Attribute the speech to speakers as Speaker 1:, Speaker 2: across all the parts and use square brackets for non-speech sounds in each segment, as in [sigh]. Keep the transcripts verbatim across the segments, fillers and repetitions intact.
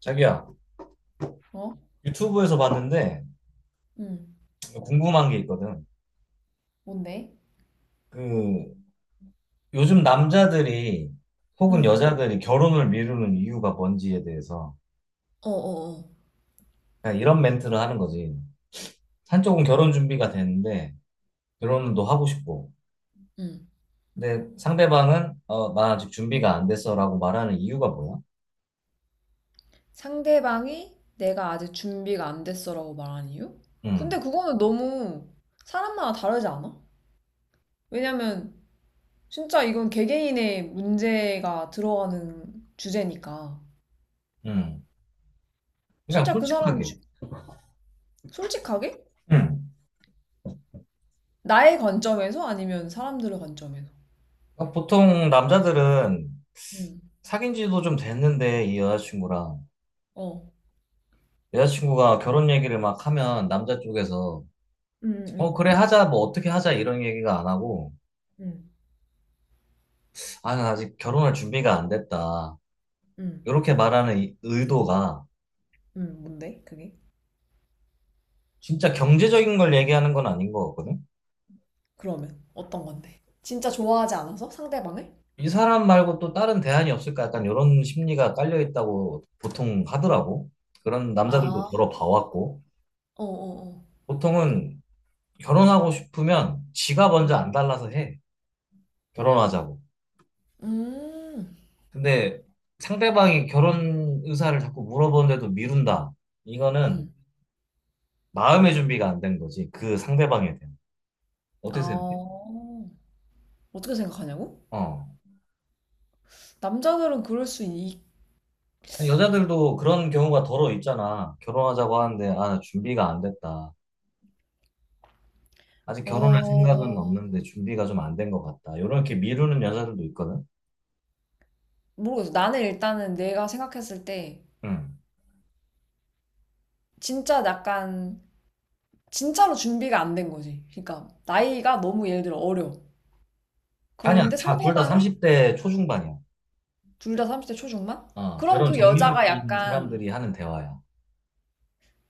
Speaker 1: 자기야,
Speaker 2: 어?
Speaker 1: 유튜브에서 봤는데
Speaker 2: 응.
Speaker 1: 궁금한 게 있거든.
Speaker 2: 뭔데?
Speaker 1: 그 요즘 남자들이 혹은
Speaker 2: 응,
Speaker 1: 여자들이 결혼을 미루는 이유가 뭔지에 대해서
Speaker 2: 어어어.
Speaker 1: 그냥 이런 멘트를 하는 거지. 한쪽은 결혼 준비가 됐는데 결혼도 하고 싶고,
Speaker 2: 응.
Speaker 1: 근데 상대방은 어, 나 아직 준비가 안 됐어라고 말하는 이유가 뭐야?
Speaker 2: 상대방이 내가 아직 준비가 안 됐어라고 말한 이유? 근데
Speaker 1: 응,
Speaker 2: 그거는 너무 사람마다 다르지 않아? 왜냐면 진짜 이건 개개인의 문제가 들어가는 주제니까.
Speaker 1: 응. 그냥
Speaker 2: 진짜 그 사람이
Speaker 1: 솔직하게.
Speaker 2: 주- 솔직하게?
Speaker 1: 응.
Speaker 2: 나의 관점에서 아니면 사람들의 관점에서.
Speaker 1: 그러니까 보통 남자들은
Speaker 2: 응,
Speaker 1: 사귄 지도 좀 됐는데 이 여자친구랑
Speaker 2: 어.
Speaker 1: 여자친구가 결혼 얘기를 막 하면 남자 쪽에서
Speaker 2: 응,
Speaker 1: 어,
Speaker 2: 응,
Speaker 1: 그래, 하자, 뭐, 어떻게 하자, 이런 얘기가 안 하고,
Speaker 2: 응,
Speaker 1: 아, 난 아직 결혼할 준비가 안 됐다.
Speaker 2: 응, 응.
Speaker 1: 이렇게 말하는 이 의도가
Speaker 2: 응, 뭔데? 그게?
Speaker 1: 진짜 경제적인 걸 얘기하는 건 아닌 것 같거든?
Speaker 2: 그러면 어떤 건데? 진짜 좋아하지 않아서 상대방을?
Speaker 1: 이 사람 말고 또 다른 대안이 없을까? 약간 이런 심리가 깔려 있다고 보통 하더라고. 그런 남자들도
Speaker 2: 아,
Speaker 1: 여러 봐왔고,
Speaker 2: 어어어.
Speaker 1: 보통은 결혼하고 싶으면 지가 먼저
Speaker 2: 응.
Speaker 1: 안 달라서 해. 결혼하자고.
Speaker 2: 음.
Speaker 1: 근데 상대방이 결혼 의사를 자꾸 물어보는데도 미룬다. 이거는
Speaker 2: 음.
Speaker 1: 마음의 준비가 안 된 거지. 그 상대방에 대한. 어떻게 생각해?
Speaker 2: 아. 어떻게 생각하냐고?
Speaker 1: 어.
Speaker 2: 남자들은 그럴 수 있.
Speaker 1: 여자들도 그런 경우가 더러 있잖아. 결혼하자고 하는데, 아, 준비가 안 됐다. 아직 결혼할 생각은
Speaker 2: 어.
Speaker 1: 없는데 준비가 좀 안 된 것 같다. 이렇게 미루는 여자들도 있거든.
Speaker 2: 모르겠어. 나는 일단은 내가 생각했을 때
Speaker 1: 응.
Speaker 2: 진짜 약간 진짜로 준비가 안 된 거지. 그러니까 나이가 너무 예를 들어 어려.
Speaker 1: 아니야,
Speaker 2: 그런데
Speaker 1: 다, 둘 다
Speaker 2: 상대방이
Speaker 1: 삼십 대 초중반이야.
Speaker 2: 둘 다 삼십 대 초중반?
Speaker 1: 어,
Speaker 2: 그럼
Speaker 1: 결혼
Speaker 2: 그 여자가
Speaker 1: 적령기인
Speaker 2: 약간
Speaker 1: 사람들이 하는 대화야.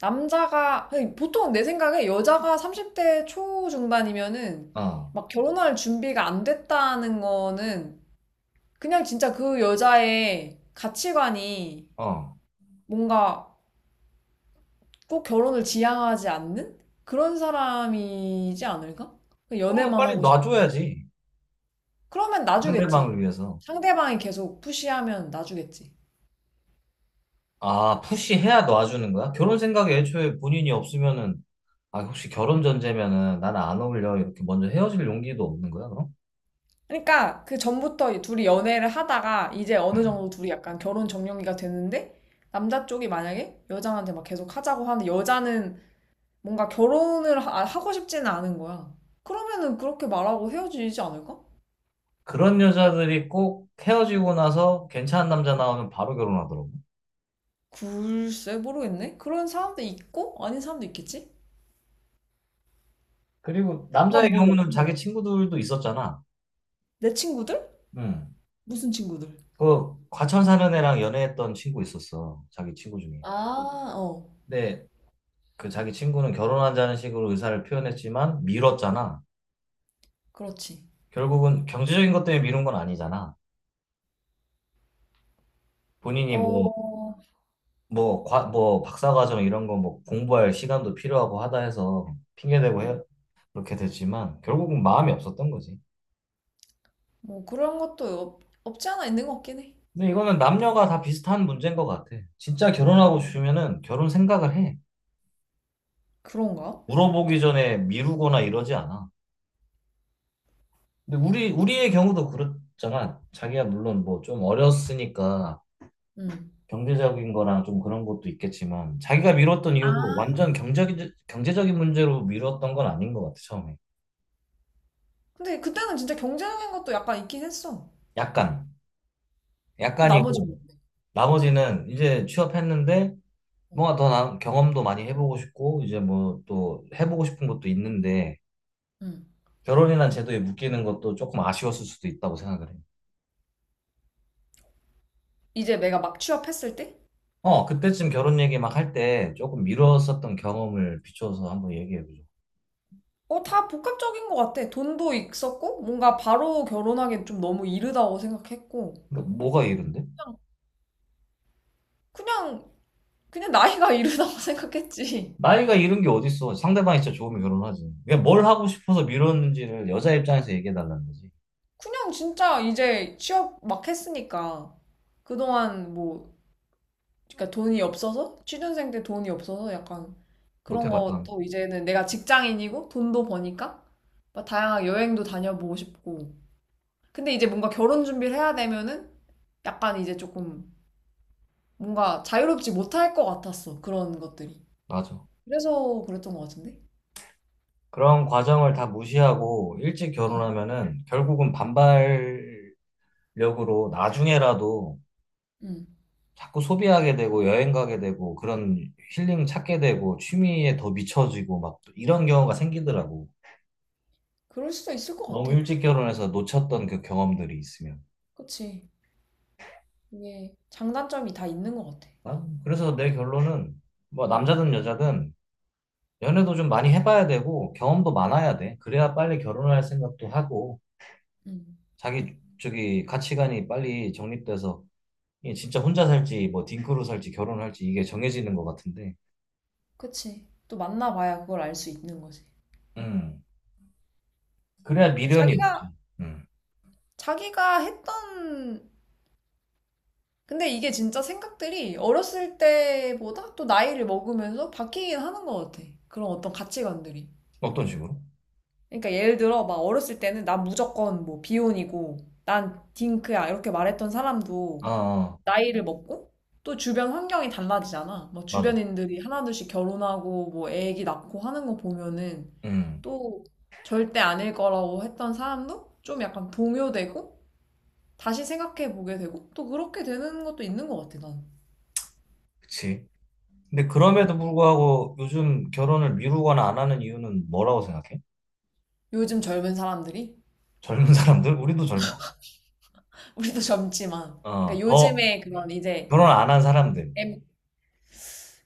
Speaker 2: 남자가 아니, 보통 내 생각에 여자가 삼십 대 초중반이면은
Speaker 1: 어,
Speaker 2: 막 결혼할 준비가 안 됐다는 거는 그냥 진짜 그 여자의 가치관이
Speaker 1: 어.
Speaker 2: 뭔가 꼭 결혼을 지향하지 않는 그런 사람이지 않을까?
Speaker 1: 그러면
Speaker 2: 연애만
Speaker 1: 빨리
Speaker 2: 하고 싶은.
Speaker 1: 놔줘야지.
Speaker 2: 그러면
Speaker 1: 상대방을
Speaker 2: 놔주겠지.
Speaker 1: 위해서.
Speaker 2: 상대방이 계속 푸시하면 놔주겠지.
Speaker 1: 아, 푸시해야 놔주는 거야? 결혼 생각이 애초에 본인이 없으면은 아, 혹시 결혼 전제면은 나는 안 어울려 이렇게 먼저 헤어질 용기도 없는 거야, 그럼?
Speaker 2: 그러니까 그 전부터 둘이 연애를 하다가 이제 어느 정도
Speaker 1: 음.
Speaker 2: 둘이 약간 결혼 정령기가 됐는데 남자 쪽이 만약에 여자한테 막 계속 하자고 하는데 여자는 뭔가 결혼을 하- 하고 싶지는 않은 거야. 그러면은 그렇게 말하고 헤어지지 않을까?
Speaker 1: 그런 여자들이 꼭 헤어지고 나서 괜찮은 남자 나오면 바로 결혼하더라고.
Speaker 2: 글쎄 모르겠네. 그런 사람도 있고 아닌 사람도 있겠지?
Speaker 1: 그리고 남자의
Speaker 2: 난 몰라.
Speaker 1: 경우는 자기
Speaker 2: 어.
Speaker 1: 친구들도 있었잖아.
Speaker 2: 내 친구들?
Speaker 1: 음.
Speaker 2: 무슨 친구들?
Speaker 1: 그 과천 사는 애랑 연애했던 친구 있었어. 자기 친구 중에.
Speaker 2: 아, 어,
Speaker 1: 근데 그 자기 친구는 결혼하자는 식으로 의사를 표현했지만 미뤘잖아.
Speaker 2: 그렇지.
Speaker 1: 결국은 경제적인 것 때문에 미룬 건 아니잖아. 본인이 뭐
Speaker 2: 어,
Speaker 1: 뭐, 과, 뭐, 박사과정 이런 거 뭐 공부할 시간도 필요하고 하다 해서 핑계대고 해,
Speaker 2: 음.
Speaker 1: 그렇게 됐지만 결국은 마음이 없었던 거지.
Speaker 2: 뭐 그런 것도 없, 없지 않아 있는 것 같긴 해.
Speaker 1: 근데 이거는 남녀가 다 비슷한 문제인 것 같아. 진짜 결혼하고
Speaker 2: 남녀.
Speaker 1: 싶으면은 결혼 생각을 해.
Speaker 2: 그런가?
Speaker 1: 물어보기 전에 미루거나 이러지 않아. 근데 우리, 우리의 경우도 그렇잖아. 자기가 물론 뭐 좀 어렸으니까
Speaker 2: 응.
Speaker 1: 경제적인 거랑 좀 그런 것도 있겠지만 자기가 미뤘던 이유도
Speaker 2: 아.
Speaker 1: 완전 경제적, 경제적인 문제로 미뤘던 건 아닌 것 같아, 처음에.
Speaker 2: 근데 그때는 진짜 경제적인 것도 약간 있긴 했어.
Speaker 1: 약간,
Speaker 2: 그럼 나머지
Speaker 1: 약간이고.
Speaker 2: 뭔데?
Speaker 1: 나머지는 이제 취업했는데
Speaker 2: 어.
Speaker 1: 뭔가 더 나- 경험도 많이 해보고 싶고 이제 뭐 또 해보고 싶은 것도 있는데
Speaker 2: 음.
Speaker 1: 결혼이란 제도에 묶이는 것도 조금 아쉬웠을 수도 있다고 생각을 해요.
Speaker 2: 이제 내가 막 취업했을 때?
Speaker 1: 어, 그때쯤 결혼 얘기 막 할 때 조금 미뤘었던 경험을 비춰서 한번 얘기해보죠.
Speaker 2: 어, 다 복합적인 것 같아. 돈도 있었고, 뭔가 바로 결혼하기엔 좀 너무 이르다고 생각했고,
Speaker 1: 그러니까 뭐가 이른데?
Speaker 2: 그냥, 그냥 나이가 [laughs] 이르다고 생각했지.
Speaker 1: 나이가 이른 게 어딨어. 상대방이 진짜 좋으면 결혼하지. 그냥 뭘 하고 싶어서 미뤘는지를 여자 입장에서 얘기해달라는 거지.
Speaker 2: 그냥 진짜 이제 취업 막 했으니까. 그동안 뭐, 그러니까 돈이 없어서? 취준생 때 돈이 없어서 약간 그런
Speaker 1: 못해봤던,
Speaker 2: 것도 이제는 내가 직장인이고 돈도 버니까 막 다양한 여행도 다녀보고 싶고. 근데 이제 뭔가 결혼 준비를 해야 되면은 약간 이제 조금 뭔가 자유롭지 못할 것 같았어. 그런 것들이.
Speaker 1: 맞아.
Speaker 2: 그래서 그랬던 것 같은데?
Speaker 1: 그런 과정을 다 무시하고 일찍
Speaker 2: 응,
Speaker 1: 결혼하면은 결국은
Speaker 2: 응.
Speaker 1: 반발 력으로 나중에라도
Speaker 2: 응.
Speaker 1: 자꾸 소비하게 되고 여행 가게 되고 그런 힐링 찾게 되고 취미에 더 미쳐지고 막 이런 경우가 생기더라고.
Speaker 2: 그럴 수도 있을 것
Speaker 1: 너무
Speaker 2: 같아.
Speaker 1: 일찍 결혼해서 놓쳤던 그 경험들이 있으면.
Speaker 2: 그치. 이게 장단점이 다 있는 것 같아.
Speaker 1: 아, 그래서 내 결론은 뭐
Speaker 2: 어,
Speaker 1: 남자든 여자든 연애도 좀 많이 해봐야 되고 경험도 많아야 돼. 그래야 빨리 결혼할 생각도 하고
Speaker 2: 음,
Speaker 1: 자기 저기 가치관이 빨리 정립돼서 이게 진짜 혼자 살지 뭐 딩크로 살지 결혼할지 이게 정해지는 것 같은데.
Speaker 2: 그치. 또 만나봐야 그걸 알 수 있는 거지.
Speaker 1: 음. 그래야
Speaker 2: 근데
Speaker 1: 미련이
Speaker 2: 자기가,
Speaker 1: 없지. 음.
Speaker 2: 자기가 했던, 근데 이게 진짜 생각들이 어렸을 때보다 또 나이를 먹으면서 바뀌긴 하는 것 같아. 그런 어떤 가치관들이.
Speaker 1: 어떤 식으로?
Speaker 2: 그러니까 예를 들어, 막 어렸을 때는 난 무조건 뭐 비혼이고, 난 딩크야, 이렇게 말했던 사람도
Speaker 1: 아, 아,
Speaker 2: 나이를 먹고 또 주변 환경이 달라지잖아. 뭐
Speaker 1: 맞아.
Speaker 2: 주변인들이 하나둘씩 결혼하고 뭐 애기 낳고 하는 거 보면은
Speaker 1: 음,
Speaker 2: 또 절대 아닐 거라고 했던 사람도 좀 약간 동요되고 다시 생각해 보게 되고 또 그렇게 되는 것도 있는 것 같아, 난.
Speaker 1: 그치. 근데
Speaker 2: 음.
Speaker 1: 그럼에도 불구하고 요즘 결혼을 미루거나 안 하는 이유는 뭐라고 생각해?
Speaker 2: 요즘 젊은 사람들이
Speaker 1: 젊은 [laughs] 사람들? 우리도 젊어.
Speaker 2: [laughs] 우리도 젊지만 그러니까
Speaker 1: 어, 더
Speaker 2: 요즘에 그런 이제
Speaker 1: 결혼 안 한 사람들.
Speaker 2: M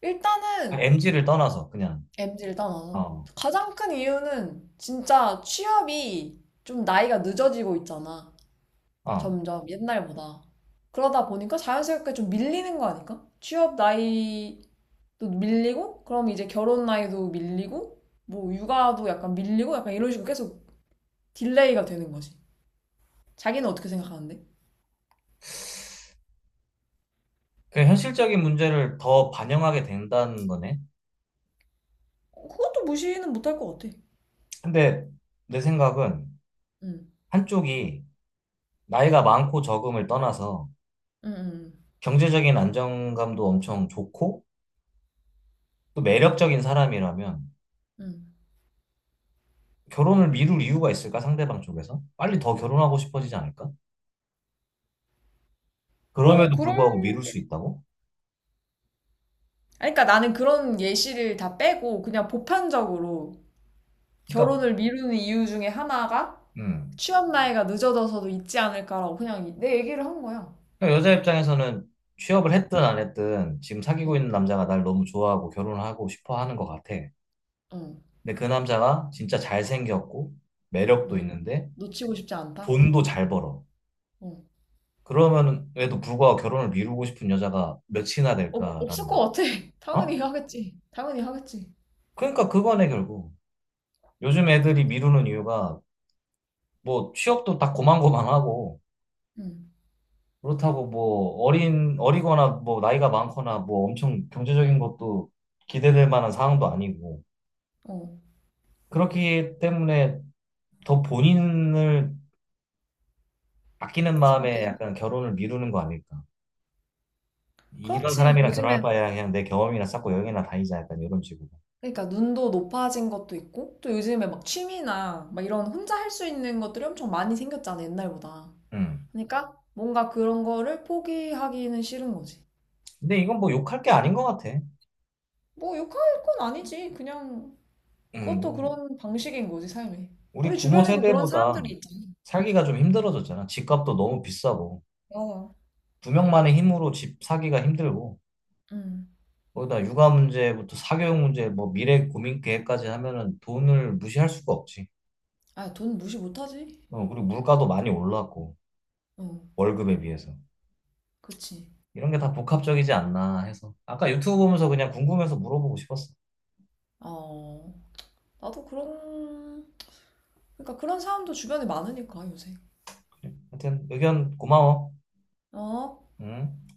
Speaker 2: 일단은
Speaker 1: 엠지를 떠나서 그냥.
Speaker 2: 엠지를 떠나서
Speaker 1: 어,
Speaker 2: 가장 큰 이유는 진짜 취업이 좀 나이가 늦어지고 있잖아.
Speaker 1: 어.
Speaker 2: 점점 옛날보다. 그러다 보니까 자연스럽게 좀 밀리는 거 아닐까? 취업 나이도 밀리고, 그럼 이제 결혼 나이도 밀리고, 뭐 육아도 약간 밀리고, 약간 이런 식으로 계속 딜레이가 되는 거지. 자기는 어떻게 생각하는데?
Speaker 1: 그 현실적인 문제를 더 반영하게 된다는 거네.
Speaker 2: 어, 그것도 무시는 못할 것 같아.
Speaker 1: 근데 내 생각은
Speaker 2: 응,
Speaker 1: 한쪽이 나이가 많고 적음을 떠나서
Speaker 2: 응, 응,
Speaker 1: 경제적인 안정감도 엄청 좋고 또 매력적인 사람이라면
Speaker 2: 응. 응.
Speaker 1: 결혼을 미룰 이유가 있을까? 상대방 쪽에서? 빨리 더 결혼하고 싶어지지 않을까?
Speaker 2: 뭐
Speaker 1: 그럼에도
Speaker 2: 그런
Speaker 1: 불구하고 미룰 수 있다고?
Speaker 2: 아니, 그러니까 나는 그런 예시를 다 빼고 그냥 보편적으로
Speaker 1: 그러니까,
Speaker 2: 결혼을 미루는 이유 중에 하나가
Speaker 1: 음.
Speaker 2: 취업 나이가 늦어져서도 있지 않을까라고 그냥 내 얘기를 한 거야.
Speaker 1: 그러니까 여자 입장에서는 취업을
Speaker 2: 어,
Speaker 1: 했든 안 했든 지금
Speaker 2: 어.
Speaker 1: 사귀고 있는 남자가 날 너무 좋아하고 결혼하고 싶어 하는 것 같아.
Speaker 2: 어,
Speaker 1: 근데 그 남자가 진짜 잘생겼고 매력도
Speaker 2: 응,
Speaker 1: 있는데
Speaker 2: 놓치고 싶지 않다?
Speaker 1: 돈도 잘 벌어.
Speaker 2: 어.
Speaker 1: 그러면은 에도 불구하고 결혼을 미루고 싶은 여자가 몇이나
Speaker 2: 없 없을
Speaker 1: 될까라는 거.
Speaker 2: 것 같아. [laughs] 당연히
Speaker 1: 어?
Speaker 2: 하겠지. 당연히 하겠지.
Speaker 1: 그러니까 그거네 결국. 요즘 애들이 미루는 이유가 뭐 취업도 다 고만고만하고
Speaker 2: 응,
Speaker 1: 그렇다고 뭐 어린 어리거나 뭐 나이가 많거나 뭐 엄청 경제적인 것도 기대될 만한 상황도 아니고
Speaker 2: 어.
Speaker 1: 그렇기 때문에 더 본인을 아끼는 마음에
Speaker 2: 생각해줘.
Speaker 1: 약간 결혼을 미루는 거 아닐까? 이런
Speaker 2: 그렇지.
Speaker 1: 사람이랑 결혼할
Speaker 2: 요즘엔,
Speaker 1: 바에야 그냥 내 경험이나 쌓고 여행이나 다니자 약간 이런 식으로.
Speaker 2: 그러니까 눈도 높아진 것도 있고, 또 요즘에 막 취미나 막 이런 혼자 할 수 있는 것들이 엄청 많이 생겼잖아, 옛날보다.
Speaker 1: 음.
Speaker 2: 그러니까 뭔가 그런 거를 포기하기는 싫은 거지.
Speaker 1: 근데 이건 뭐 욕할 게 아닌 것 같아.
Speaker 2: 뭐 욕할 건 아니지. 그냥 그것도
Speaker 1: 음.
Speaker 2: 그런 방식인 거지, 삶이.
Speaker 1: 우리
Speaker 2: 우리
Speaker 1: 부모
Speaker 2: 주변에도 그런
Speaker 1: 세대보다
Speaker 2: 사람들이 있잖아.
Speaker 1: 살기가 좀 힘들어졌잖아. 집값도 너무 비싸고
Speaker 2: 맞
Speaker 1: 두 명만의 힘으로 집 사기가 힘들고. 거기다 육아 문제부터 사교육 문제, 뭐 미래 고민 계획까지 하면은 돈을 무시할 수가 없지.
Speaker 2: 아, 돈 무시 못하지.
Speaker 1: 어, 그리고 물가도 많이 올랐고,
Speaker 2: 어.
Speaker 1: 월급에 비해서.
Speaker 2: 그치.
Speaker 1: 이런 게 다 복합적이지 않나 해서. 아까 유튜브 보면서 그냥 궁금해서 물어보고 싶었어.
Speaker 2: 어, 나도 그런, 그러니까 그런 사람도 주변에 많으니까, 요새.
Speaker 1: 그래. 하여튼 의견 고마워.
Speaker 2: 어,
Speaker 1: 응?